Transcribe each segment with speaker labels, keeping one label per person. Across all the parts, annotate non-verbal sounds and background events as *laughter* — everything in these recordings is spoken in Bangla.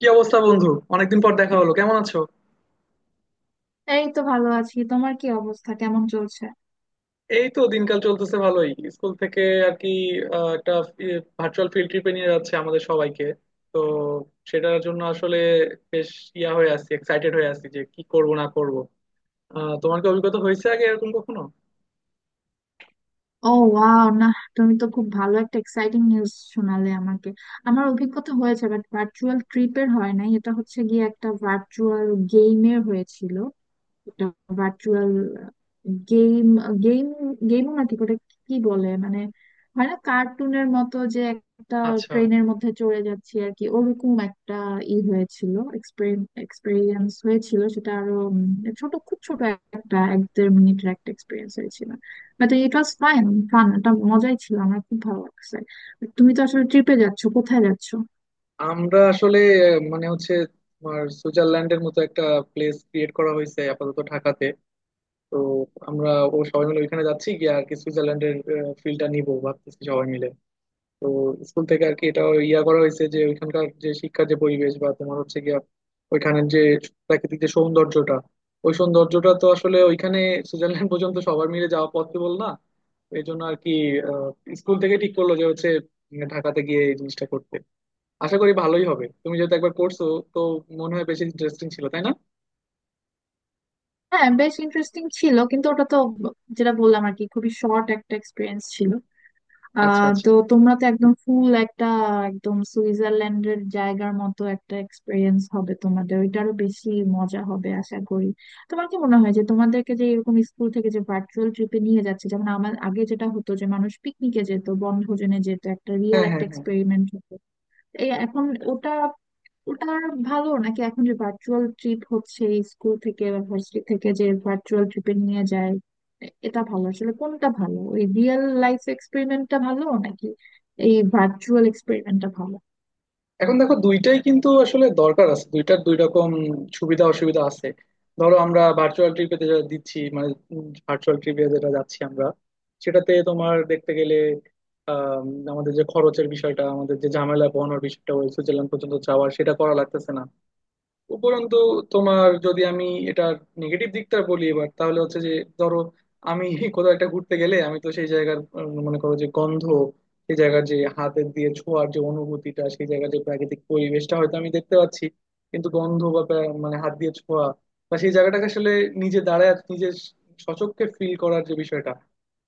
Speaker 1: কি অবস্থা, বন্ধু? অনেকদিন পর দেখা হলো, কেমন আছো?
Speaker 2: এই তো ভালো আছি। তোমার কি অবস্থা? কেমন চলছে?
Speaker 1: এই তো দিনকাল চলতেছে ভালোই। স্কুল থেকে আর কি একটা ভার্চুয়াল ফিল্ড ট্রিপে নিয়ে যাচ্ছে আমাদের সবাইকে। তো সেটার জন্য আসলে বেশ ইয়া হয়ে আছি, এক্সাইটেড হয়ে আছি যে কি করব না করব। তোমার কি অভিজ্ঞতা হয়েছে আগে এরকম কখনো?
Speaker 2: ও ওয়াও, না, তুমি তো খুব ভালো একটা এক্সাইটিং নিউজ শোনালে আমাকে। আমার অভিজ্ঞতা হয়েছে, বাট ভার্চুয়াল ট্রিপের হয় নাই। এটা হচ্ছে গিয়ে একটা ভার্চুয়াল গেমের হয়েছিল। একটা ভার্চুয়াল গেম। গেম গেমও না ঠিক ওটা, কি বলে মানে, হয় না কার্টুনের মতো যে একটা
Speaker 1: আচ্ছা।
Speaker 2: ট্রেনের মধ্যে চড়ে যাচ্ছি আর কি, ওরকম একটা ই হয়েছিল, এক্সপেরিয়েন্স হয়েছিল। সেটা আরো ছোট, খুব ছোট, একটা এক দেড় মিনিটের একটা এক্সপিরিয়েন্স হয়েছিল। But it was fine, fun. এটা মজাই ছিল, আমার খুব ভালো লাগছে। তুমি তো আসলে ট্রিপে যাচ্ছ, কোথায় যাচ্ছ?
Speaker 1: আমরা আসলে মানে হচ্ছে তোমার সুইজারল্যান্ডের মতো একটা প্লেস ক্রিয়েট করা হয়েছে আপাতত ঢাকাতে। তো আমরা ও সবাই মিলে ওইখানে যাচ্ছি গিয়ে আর কি, সুইজারল্যান্ডের ফিল্ডটা নিবো ভাবতেছি সবাই মিলে। তো স্কুল থেকে আর কি এটা ইয়া করা হয়েছে যে ওইখানকার যে শিক্ষার যে পরিবেশ বা তোমার হচ্ছে গিয়া ওইখানের যে প্রাকৃতিক যে সৌন্দর্যটা, ওই সৌন্দর্যটা তো আসলে ওইখানে সুইজারল্যান্ড *laughs* পর্যন্ত সবার মিলে যাওয়া পসিবল না। এই জন্য আর কি স্কুল থেকে ঠিক করলো যে হচ্ছে ঢাকাতে গিয়ে এই জিনিসটা করতে। আশা করি ভালোই হবে। তুমি যেহেতু একবার করছো, তো মনে হয় বেশি ইন্টারেস্টিং ছিল, তাই না?
Speaker 2: হ্যাঁ, বেশ ইন্টারেস্টিং ছিল, কিন্তু ওটা তো যেটা বললাম আর কি, খুবই শর্ট একটা এক্সপিরিয়েন্স ছিল।
Speaker 1: আচ্ছা
Speaker 2: আহ,
Speaker 1: আচ্ছা।
Speaker 2: তো তোমরা তো একদম ফুল একটা, একদম সুইজারল্যান্ডের জায়গার মতো একটা এক্সপিরিয়েন্স হবে তোমাদের। ওইটারও বেশি মজা হবে আশা করি। তোমার কি মনে হয় যে তোমাদেরকে যে এরকম স্কুল থেকে যে ভার্চুয়াল ট্রিপে নিয়ে যাচ্ছে, যেমন আমার আগে যেটা হতো যে মানুষ পিকনিকে যেত, বনভোজনে যেত, একটা রিয়েল
Speaker 1: হ্যাঁ
Speaker 2: একটা
Speaker 1: হ্যাঁ হ্যাঁ।
Speaker 2: এক্সপেরিমেন্ট হতো, এই এখন ওটা ওটা ভালো নাকি এখন যে ভার্চুয়াল ট্রিপ হচ্ছে স্কুল থেকে বা ভার্সিটি থেকে যে ভার্চুয়াল ট্রিপে নিয়ে যায়, এটা ভালো? আসলে কোনটা ভালো, ওই রিয়েল লাইফ এক্সপেরিমেন্টটা ভালো নাকি এই ভার্চুয়াল এক্সপেরিমেন্টটা ভালো?
Speaker 1: এখন দেখো দুইটাই কিন্তু আসলে দরকার আছে, দুইটার দুই রকম সুবিধা অসুবিধা আছে। ধরো আমরা ভার্চুয়াল ট্রিপে যেটা দিচ্ছি মানে ভার্চুয়াল ট্রিপে যেটা যাচ্ছি আমরা, সেটাতে তোমার দেখতে গেলে আম, আমাদের যে খরচের বিষয়টা, আমাদের যে ঝামেলা পোহানোর বিষয়টা ওই সুইজারল্যান্ড পর্যন্ত যাওয়ার, সেটা করা লাগতেছে না। উপরন্তু তোমার যদি আমি এটা নেগেটিভ দিকটা বলি এবার তাহলে হচ্ছে যে, ধরো আমি *laughs* কোথাও একটা ঘুরতে গেলে আমি তো সেই জায়গার মনে করো যে গন্ধ, সেই জায়গার যে হাতের দিয়ে ছোঁয়ার যে অনুভূতিটা, সেই জায়গার যে প্রাকৃতিক পরিবেশটা হয়তো আমি দেখতে পাচ্ছি, কিন্তু গন্ধ বা মানে হাত দিয়ে ছোঁয়া বা সেই জায়গাটাকে আসলে নিজে দাঁড়ায় নিজের সচক্ষে ফিল করার যে বিষয়টা,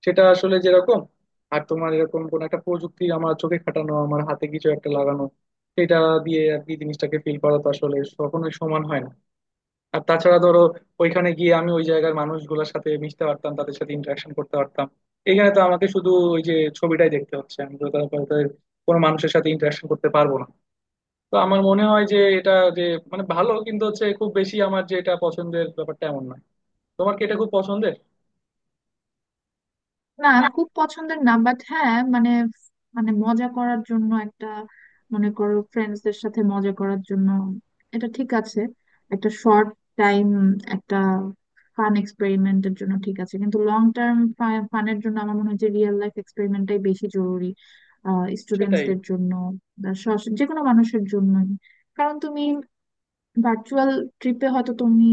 Speaker 1: সেটা আসলে যেরকম আর তোমার এরকম কোন একটা প্রযুক্তি আমার চোখে খাটানো, আমার হাতে কিছু একটা লাগানো, সেটা দিয়ে আর কি জিনিসটাকে ফিল করা, তো আসলে কখনোই সমান হয় না। আর তাছাড়া ধরো ওইখানে গিয়ে আমি ওই জায়গার মানুষগুলোর সাথে মিশতে পারতাম, তাদের সাথে ইন্টারাকশন করতে পারতাম। এখানে তো আমাকে শুধু ওই যে ছবিটাই দেখতে হচ্ছে, আমি তো তাদের কোনো মানুষের সাথে ইন্টারাকশন করতে পারবো না। তো আমার মনে হয় যে এটা যে মানে ভালো, কিন্তু হচ্ছে খুব বেশি আমার যে এটা পছন্দের ব্যাপারটা এমন নয়। তোমার কি এটা খুব পছন্দের?
Speaker 2: না, খুব পছন্দের না, বাট হ্যাঁ মানে, মানে মজা করার জন্য একটা, মনে করো ফ্রেন্ডসদের সাথে মজা করার জন্য এটা ঠিক আছে। একটা শর্ট টাইম একটা ফান এক্সপেরিমেন্টের জন্য ঠিক আছে, কিন্তু লং টার্ম ফানের জন্য আমার মনে হয় যে রিয়েল লাইফ এক্সপেরিমেন্টটাই বেশি জরুরি
Speaker 1: সেটাই,
Speaker 2: স্টুডেন্টসদের জন্য বা যে কোনো মানুষের জন্যই। কারণ তুমি ভার্চুয়াল ট্রিপে হয়তো তুমি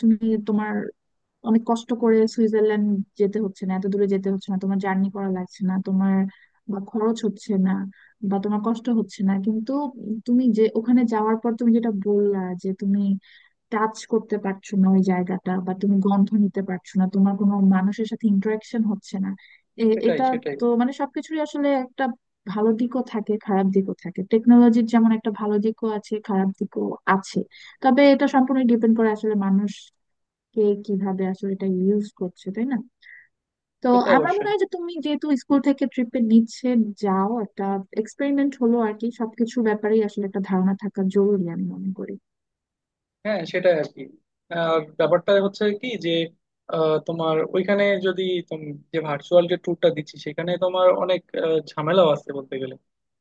Speaker 2: তুমি তোমার অনেক কষ্ট করে সুইজারল্যান্ড যেতে হচ্ছে না, এত দূরে যেতে হচ্ছে না, তোমার জার্নি করা লাগছে না, তোমার বা খরচ হচ্ছে না, বা তোমার কষ্ট হচ্ছে না, কিন্তু তুমি যে ওখানে যাওয়ার পর তুমি যেটা বললা যে তুমি টাচ করতে পারছো না ওই জায়গাটা, বা তুমি গন্ধ নিতে পারছো না, তোমার কোনো মানুষের সাথে ইন্টারাকশন হচ্ছে না,
Speaker 1: সেটাই,
Speaker 2: এটা।
Speaker 1: সেটাই।
Speaker 2: তো মানে সবকিছুরই আসলে একটা ভালো দিকও থাকে, খারাপ দিকও থাকে। টেকনোলজির যেমন একটা ভালো দিকও আছে, খারাপ দিকও আছে। তবে এটা সম্পূর্ণ ডিপেন্ড করে আসলে মানুষ কে কিভাবে আসলে এটা ইউজ করছে, তাই না? তো
Speaker 1: সে তো
Speaker 2: আমার মনে
Speaker 1: অবশ্যই।
Speaker 2: হয় যে তুমি যেহেতু স্কুল থেকে ট্রিপে নিচ্ছে, যাও, একটা এক্সপেরিমেন্ট হলো আর কি। সবকিছু ব্যাপারেই আসলে একটা ধারণা থাকা জরুরি আমি মনে করি।
Speaker 1: হ্যাঁ, সেটাই আর কি। আহ, ব্যাপারটা হচ্ছে কি যে, তোমার ওইখানে যদি তুমি যে ভার্চুয়াল যে ট্যুরটা দিচ্ছি, সেখানে তোমার অনেক ঝামেলাও আছে বলতে গেলে।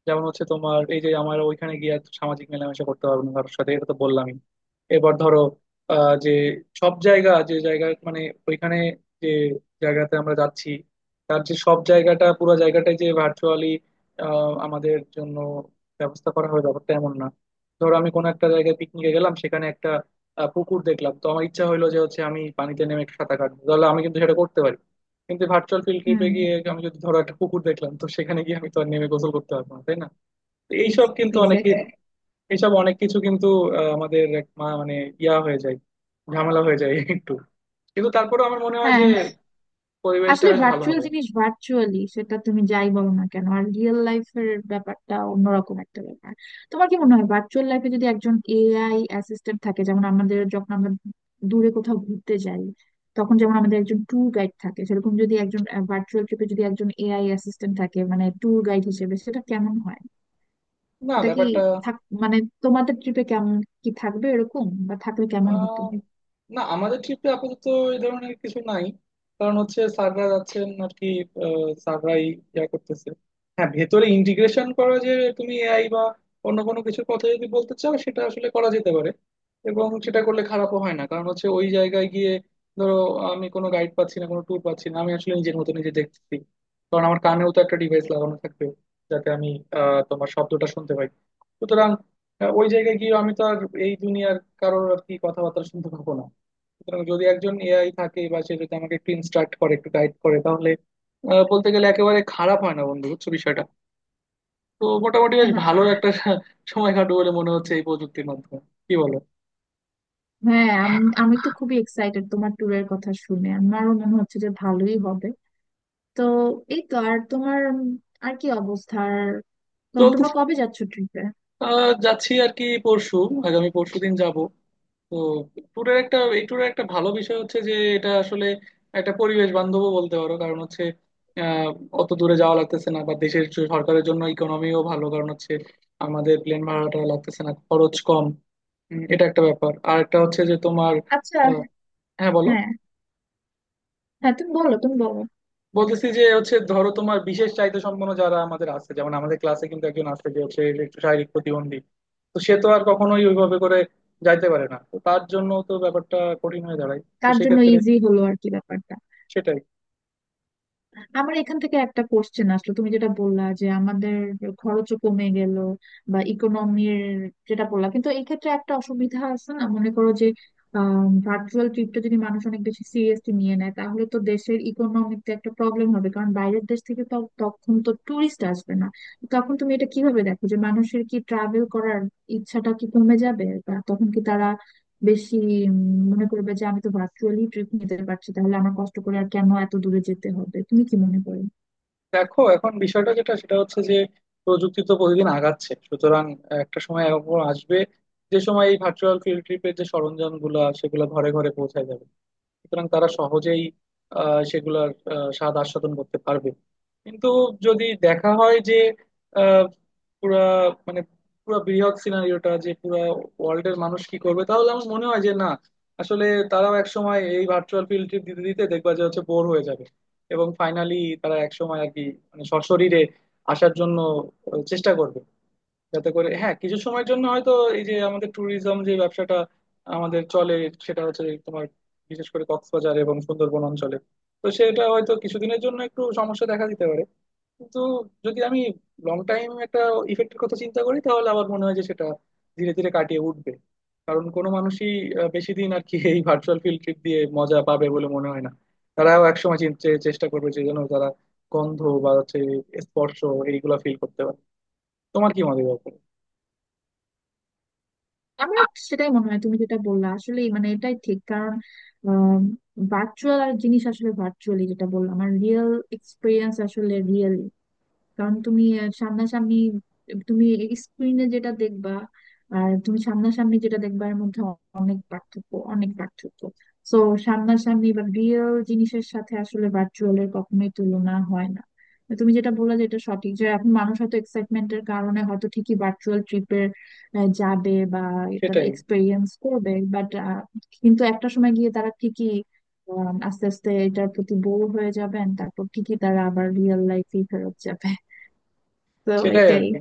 Speaker 1: যেমন হচ্ছে তোমার এই যে আমার ওইখানে গিয়ে আর সামাজিক মেলামেশা করতে পারবো না কারোর সাথে, এটা তো বললামই। এবার ধরো যে সব জায়গা যে জায়গা মানে ওইখানে যে জায়গাতে আমরা যাচ্ছি, তার যে সব জায়গাটা পুরো জায়গাটাই যে ভার্চুয়ালি আমাদের জন্য ব্যবস্থা করা হবে, ব্যাপারটা এমন না। ধরো আমি কোনো একটা জায়গায় পিকনিকে গেলাম, সেখানে একটা পুকুর দেখলাম, তো আমার ইচ্ছা হলো যে হচ্ছে আমি পানিতে নেমে একটু সাঁতার কাটবো, তাহলে আমি কিন্তু সেটা করতে পারি। কিন্তু ভার্চুয়াল ফিল্ড ট্রিপে
Speaker 2: হুম।
Speaker 1: গিয়ে আমি যদি ধরো একটা পুকুর দেখলাম, তো সেখানে গিয়ে আমি তো আর নেমে গোসল করতে পারবো না, তাই না? তো এইসব কিন্তু অনেকে,
Speaker 2: এক্স্যাক্টলি।
Speaker 1: এইসব অনেক কিছু কিন্তু আমাদের এক মানে ইয়া হয়ে যায়, ঝামেলা হয়ে যায় একটু। কিন্তু তারপরেও আমার মনে হয় যে
Speaker 2: হ্যাঁ।
Speaker 1: পরিবেশটা
Speaker 2: আসলে
Speaker 1: বেশ ভালো
Speaker 2: ভার্চুয়াল
Speaker 1: হবে।
Speaker 2: জিনিস ভার্চুয়ালি, সেটা তুমি যাই বলো না কেন, আর রিয়েল লাইফের ব্যাপারটা অন্যরকম একটা ব্যাপার। তোমার কি মনে হয় ভার্চুয়াল লাইফে যদি একজন এআই অ্যাসিস্ট্যান্ট থাকে, যেমন আমাদের যখন আমরা দূরে কোথাও ঘুরতে যাই তখন যেমন আমাদের একজন ট্যুর গাইড থাকে, সেরকম যদি একজন ভার্চুয়াল ট্রিপে যদি একজন এআই অ্যাসিস্ট্যান্ট থাকে মানে ট্যুর গাইড হিসেবে, সেটা কেমন হয়?
Speaker 1: না,
Speaker 2: এটা কি
Speaker 1: ব্যাপারটা
Speaker 2: থাক, মানে তোমাদের ট্রিপে কেমন কি থাকবে এরকম, বা থাকলে কেমন হতো?
Speaker 1: আহ, না, আমাদের ট্রিপে আপাতত এই ধরনের কিছু নাই। কারণ হচ্ছে স্যাররা যাচ্ছেন আর কি, স্যাররাই ইয়া করতেছে। হ্যাঁ, ভেতরে ইন্টিগ্রেশন করা যে তুমি এআই বা অন্য কোনো কিছুর কথা যদি বলতে চাও, সেটা আসলে করা যেতে পারে। এবং সেটা করলে খারাপও হয় না। কারণ হচ্ছে ওই জায়গায় গিয়ে ধরো আমি কোনো গাইড পাচ্ছি না, কোনো ট্যুর পাচ্ছি না, আমি আসলে নিজের মতো নিজে দেখতেছি। কারণ আমার কানেও তো একটা ডিভাইস লাগানো থাকবে, যাতে আমি তোমার শব্দটা শুনতে পাই। সুতরাং ওই জায়গায় গিয়ে আমি তো আর এই দুনিয়ার কারোর আর কি কথাবার্তা শুনতে পাবো না। সুতরাং যদি একজন এআই থাকে বা সে যদি আমাকে একটু ইনস্ট্রাক্ট করে, একটু গাইড করে, তাহলে বলতে গেলে একেবারে খারাপ হয় না, বন্ধু। বুঝছো বিষয়টা? তো মোটামুটি বেশ ভালো একটা *laughs* সময় কাটবে বলে মনে হচ্ছে এই প্রযুক্তির মাধ্যমে। কি বলো?
Speaker 2: হ্যাঁ, আমি আমি তো খুবই এক্সাইটেড তোমার ট্যুরের কথা শুনে, আমারও মনে হচ্ছে যে ভালোই হবে। তো এই তো। আর তোমার আর কি অবস্থা? আর
Speaker 1: চলতে
Speaker 2: তোমরা কবে যাচ্ছ ট্রিপে?
Speaker 1: আহ যাচ্ছি আর কি পরশু, আগামী পরশু দিন যাবো। তো ট্যুরের একটা, এই ট্যুরের একটা ভালো বিষয় হচ্ছে যে এটা আসলে একটা পরিবেশ বান্ধবও বলতে পারো। কারণ হচ্ছে আহ, অত দূরে যাওয়া লাগতেছে না বা দেশের যে সরকারের জন্য ইকোনমিও ভালো। কারণ হচ্ছে আমাদের প্লেন ভাড়াটা লাগতেছে না, খরচ কম। এটা একটা ব্যাপার। আর একটা হচ্ছে যে তোমার
Speaker 2: আচ্ছা।
Speaker 1: আহ, হ্যাঁ, বলো।
Speaker 2: হ্যাঁ। হ্যাঁ, তুমি বলো, তুমি বলো।
Speaker 1: বলতেছি যে হচ্ছে ধরো তোমার বিশেষ চাহিদা সম্পন্ন যারা আমাদের আছে, যেমন আমাদের ক্লাসে কিন্তু একজন আছে যে হচ্ছে একটু শারীরিক প্রতিবন্ধী, তো সে তো আর কখনোই ওইভাবে করে যাইতে পারে না। তো তার জন্য তো ব্যাপারটা কঠিন হয়ে দাঁড়ায়। তো
Speaker 2: কার জন্য
Speaker 1: সেক্ষেত্রে
Speaker 2: ইজি হলো আর কি ব্যাপার।
Speaker 1: সেটাই।
Speaker 2: আমার এখান থেকে একটা কোশ্চেন আসলো, তুমি যেটা বললা যে আমাদের খরচও কমে গেল, বা ইকোনমির যেটা বললা, কিন্তু এই ক্ষেত্রে একটা অসুবিধা আছে না? মনে করো যে ভার্চুয়াল ট্রিপটা যদি মানুষ অনেক বেশি সিরিয়াসলি নিয়ে নেয়, তাহলে তো দেশের ইকোনমিতে একটা প্রবলেম হবে, কারণ বাইরের দেশ থেকে তো তখন তো ট্যুরিস্ট আসবে না। তখন তুমি এটা কিভাবে দেখো, যে মানুষের কি ট্রাভেল করার ইচ্ছাটা কি কমে যাবে, বা তখন কি তারা বেশি উম, মনে করবে যে আমি তো ভার্চুয়ালি ট্রিপ নিতে পারছি, তাহলে আমার কষ্ট করে আর কেন এত দূরে যেতে হবে? তুমি কি মনে করো?
Speaker 1: দেখো এখন বিষয়টা যেটা সেটা হচ্ছে যে প্রযুক্তি তো প্রতিদিন আগাচ্ছে, সুতরাং একটা সময় এরকম আসবে যে সময় এই ভার্চুয়াল ফিল্ড ট্রিপের যে সরঞ্জাম গুলা সেগুলো ঘরে ঘরে পৌঁছায় যাবে। সুতরাং তারা সহজেই সেগুলার স্বাদ আস্বাদন করতে পারবে। কিন্তু যদি দেখা হয় যে আহ, পুরা মানে পুরা বৃহৎ সিনারিওটা যে পুরা ওয়ার্ল্ডের মানুষ কি করবে, তাহলে আমার মনে হয় যে না, আসলে তারাও এক সময় এই ভার্চুয়াল ফিল্ড ট্রিপ দিতে দিতে দেখবা যে হচ্ছে বোর হয়ে যাবে। এবং ফাইনালি তারা এক সময় আর কি মানে সশরীরে আসার জন্য চেষ্টা করবে। যাতে করে হ্যাঁ কিছু সময়ের জন্য হয়তো এই যে আমাদের ট্যুরিজম যে ব্যবসাটা আমাদের চলে, সেটা হচ্ছে এই তোমার বিশেষ করে কক্সবাজার এবং সুন্দরবন অঞ্চলে, তো সেটা হয়তো কিছুদিনের জন্য একটু সমস্যা দেখা দিতে পারে। কিন্তু যদি আমি লং টাইম একটা ইফেক্টের কথা চিন্তা করি, তাহলে আবার মনে হয় যে সেটা ধীরে ধীরে কাটিয়ে উঠবে। কারণ কোনো মানুষই বেশি দিন আর কি এই ভার্চুয়াল ফিল্ড ট্রিপ দিয়ে মজা পাবে বলে মনে হয় না। তারাও একসময় চেষ্টা করবে যে যেন তারা গন্ধ বা হচ্ছে স্পর্শ এইগুলা ফিল করতে পারে। তোমার কি মনে হয় এই ব্যাপারে?
Speaker 2: আমার সেটাই মনে হয়, তুমি যেটা বললা আসলে মানে এটাই ঠিক। কারণ ভার্চুয়াল আর জিনিস, আসলে ভার্চুয়ালি যেটা বললাম, আর রিয়েল এক্সপিরিয়েন্স আসলে রিয়েল। কারণ তুমি সামনাসামনি তুমি স্ক্রিনে যেটা দেখবা, আর তুমি সামনাসামনি যেটা দেখবা, এর মধ্যে অনেক পার্থক্য, অনেক পার্থক্য। তো সামনাসামনি বা রিয়েল জিনিসের সাথে আসলে ভার্চুয়ালের কখনোই তুলনা হয় না। তো তুমি যেটা বললে যে এটা সঠিক, যে এখন মানুষ হয়তো এক্সাইটমেন্টের কারণে হয়তো ঠিকই ভার্চুয়াল ট্রিপের যাবে বা এটা
Speaker 1: সেটাই,
Speaker 2: এক্সপেরিয়েন্স করবে, বাট কিন্তু একটা সময় গিয়ে তারা ঠিকই আস্তে আস্তে এটার প্রতি বোর হয়ে যাবেন, তারপর ঠিকই তারা আবার রিয়েল লাইফে ফেরত যাবে। তো
Speaker 1: সেটাই আর
Speaker 2: এটাই।
Speaker 1: কি,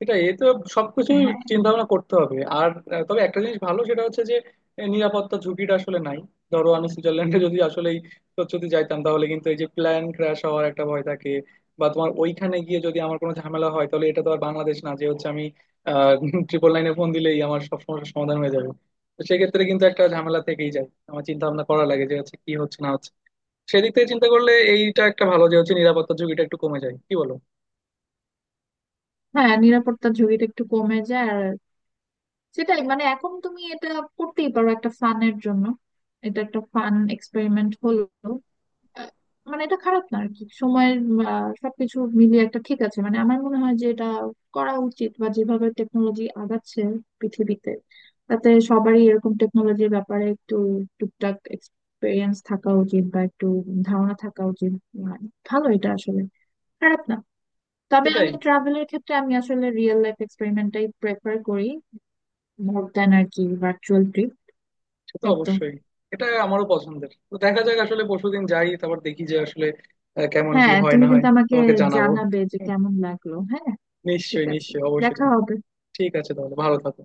Speaker 1: সেটাই। এ তো সবকিছু
Speaker 2: হ্যাঁ।
Speaker 1: চিন্তা ভাবনা করতে হবে। আর তবে একটা জিনিস ভালো, সেটা হচ্ছে যে নিরাপত্তা ঝুঁকিটা আসলে নাই। ধরো আমি সুইজারল্যান্ডে যদি আসলে যদি যাইতাম, তাহলে কিন্তু এই যে প্ল্যান ক্র্যাশ হওয়ার একটা ভয় থাকে। বা তোমার ওইখানে গিয়ে যদি আমার কোনো ঝামেলা হয়, তাহলে এটা তো আর বাংলাদেশ না যে হচ্ছে আমি আহ *laughs* ট্রিপল নাইনে ফোন দিলেই আমার সব সমস্যার সমাধান হয়ে যাবে। তো সেক্ষেত্রে কিন্তু একটা ঝামেলা থেকেই যায়, আমার চিন্তা ভাবনা করা লাগে যে হচ্ছে কি হচ্ছে না হচ্ছে। সেদিক থেকে চিন্তা করলে এইটা একটা ভালো যে হচ্ছে নিরাপত্তা ঝুঁকিটা একটু কমে যায়। কি বলো?
Speaker 2: হ্যাঁ, নিরাপত্তার ঝুঁকিটা একটু কমে যায়। আর সেটাই, মানে এখন তুমি এটা করতেই পারো একটা ফানের জন্য, এটা একটা ফান এক্সপেরিমেন্ট হলো। আহ, মানে এটা খারাপ না আর কি। সময়ের সবকিছু মিলিয়ে একটা ঠিক আছে, মানে আমার মনে হয় যে এটা করা উচিত। বা যেভাবে টেকনোলজি আগাচ্ছে পৃথিবীতে, তাতে সবারই এরকম টেকনোলজির ব্যাপারে একটু টুকটাক এক্সপিরিয়েন্স থাকা উচিত, বা একটু ধারণা থাকা উচিত। আহ, ভালো, এটা আসলে খারাপ না। তবে
Speaker 1: সেটাই।
Speaker 2: আমি ট্রাভেলের ক্ষেত্রে আমি আসলে রিয়েল লাইফ এক্সপেরিমেন্টটাই প্রেফার করি মোর দ্যান আর কি ভার্চুয়াল ট্রিপ।
Speaker 1: সে তো
Speaker 2: এই তো।
Speaker 1: অবশ্যই। এটা আমারও পছন্দের। তো দেখা যাক আসলে পরশুদিন যাই, তারপর দেখি যে আসলে কেমন কি
Speaker 2: হ্যাঁ,
Speaker 1: হয়
Speaker 2: তুমি
Speaker 1: না হয়।
Speaker 2: কিন্তু আমাকে
Speaker 1: তোমাকে জানাবো।
Speaker 2: জানাবে যে কেমন লাগলো, হ্যাঁ। ঠিক
Speaker 1: নিশ্চয়ই,
Speaker 2: আছে।
Speaker 1: নিশ্চয়ই, অবশ্যই
Speaker 2: দেখা
Speaker 1: জানাবো।
Speaker 2: হবে।
Speaker 1: ঠিক আছে তাহলে, ভালো থাকো।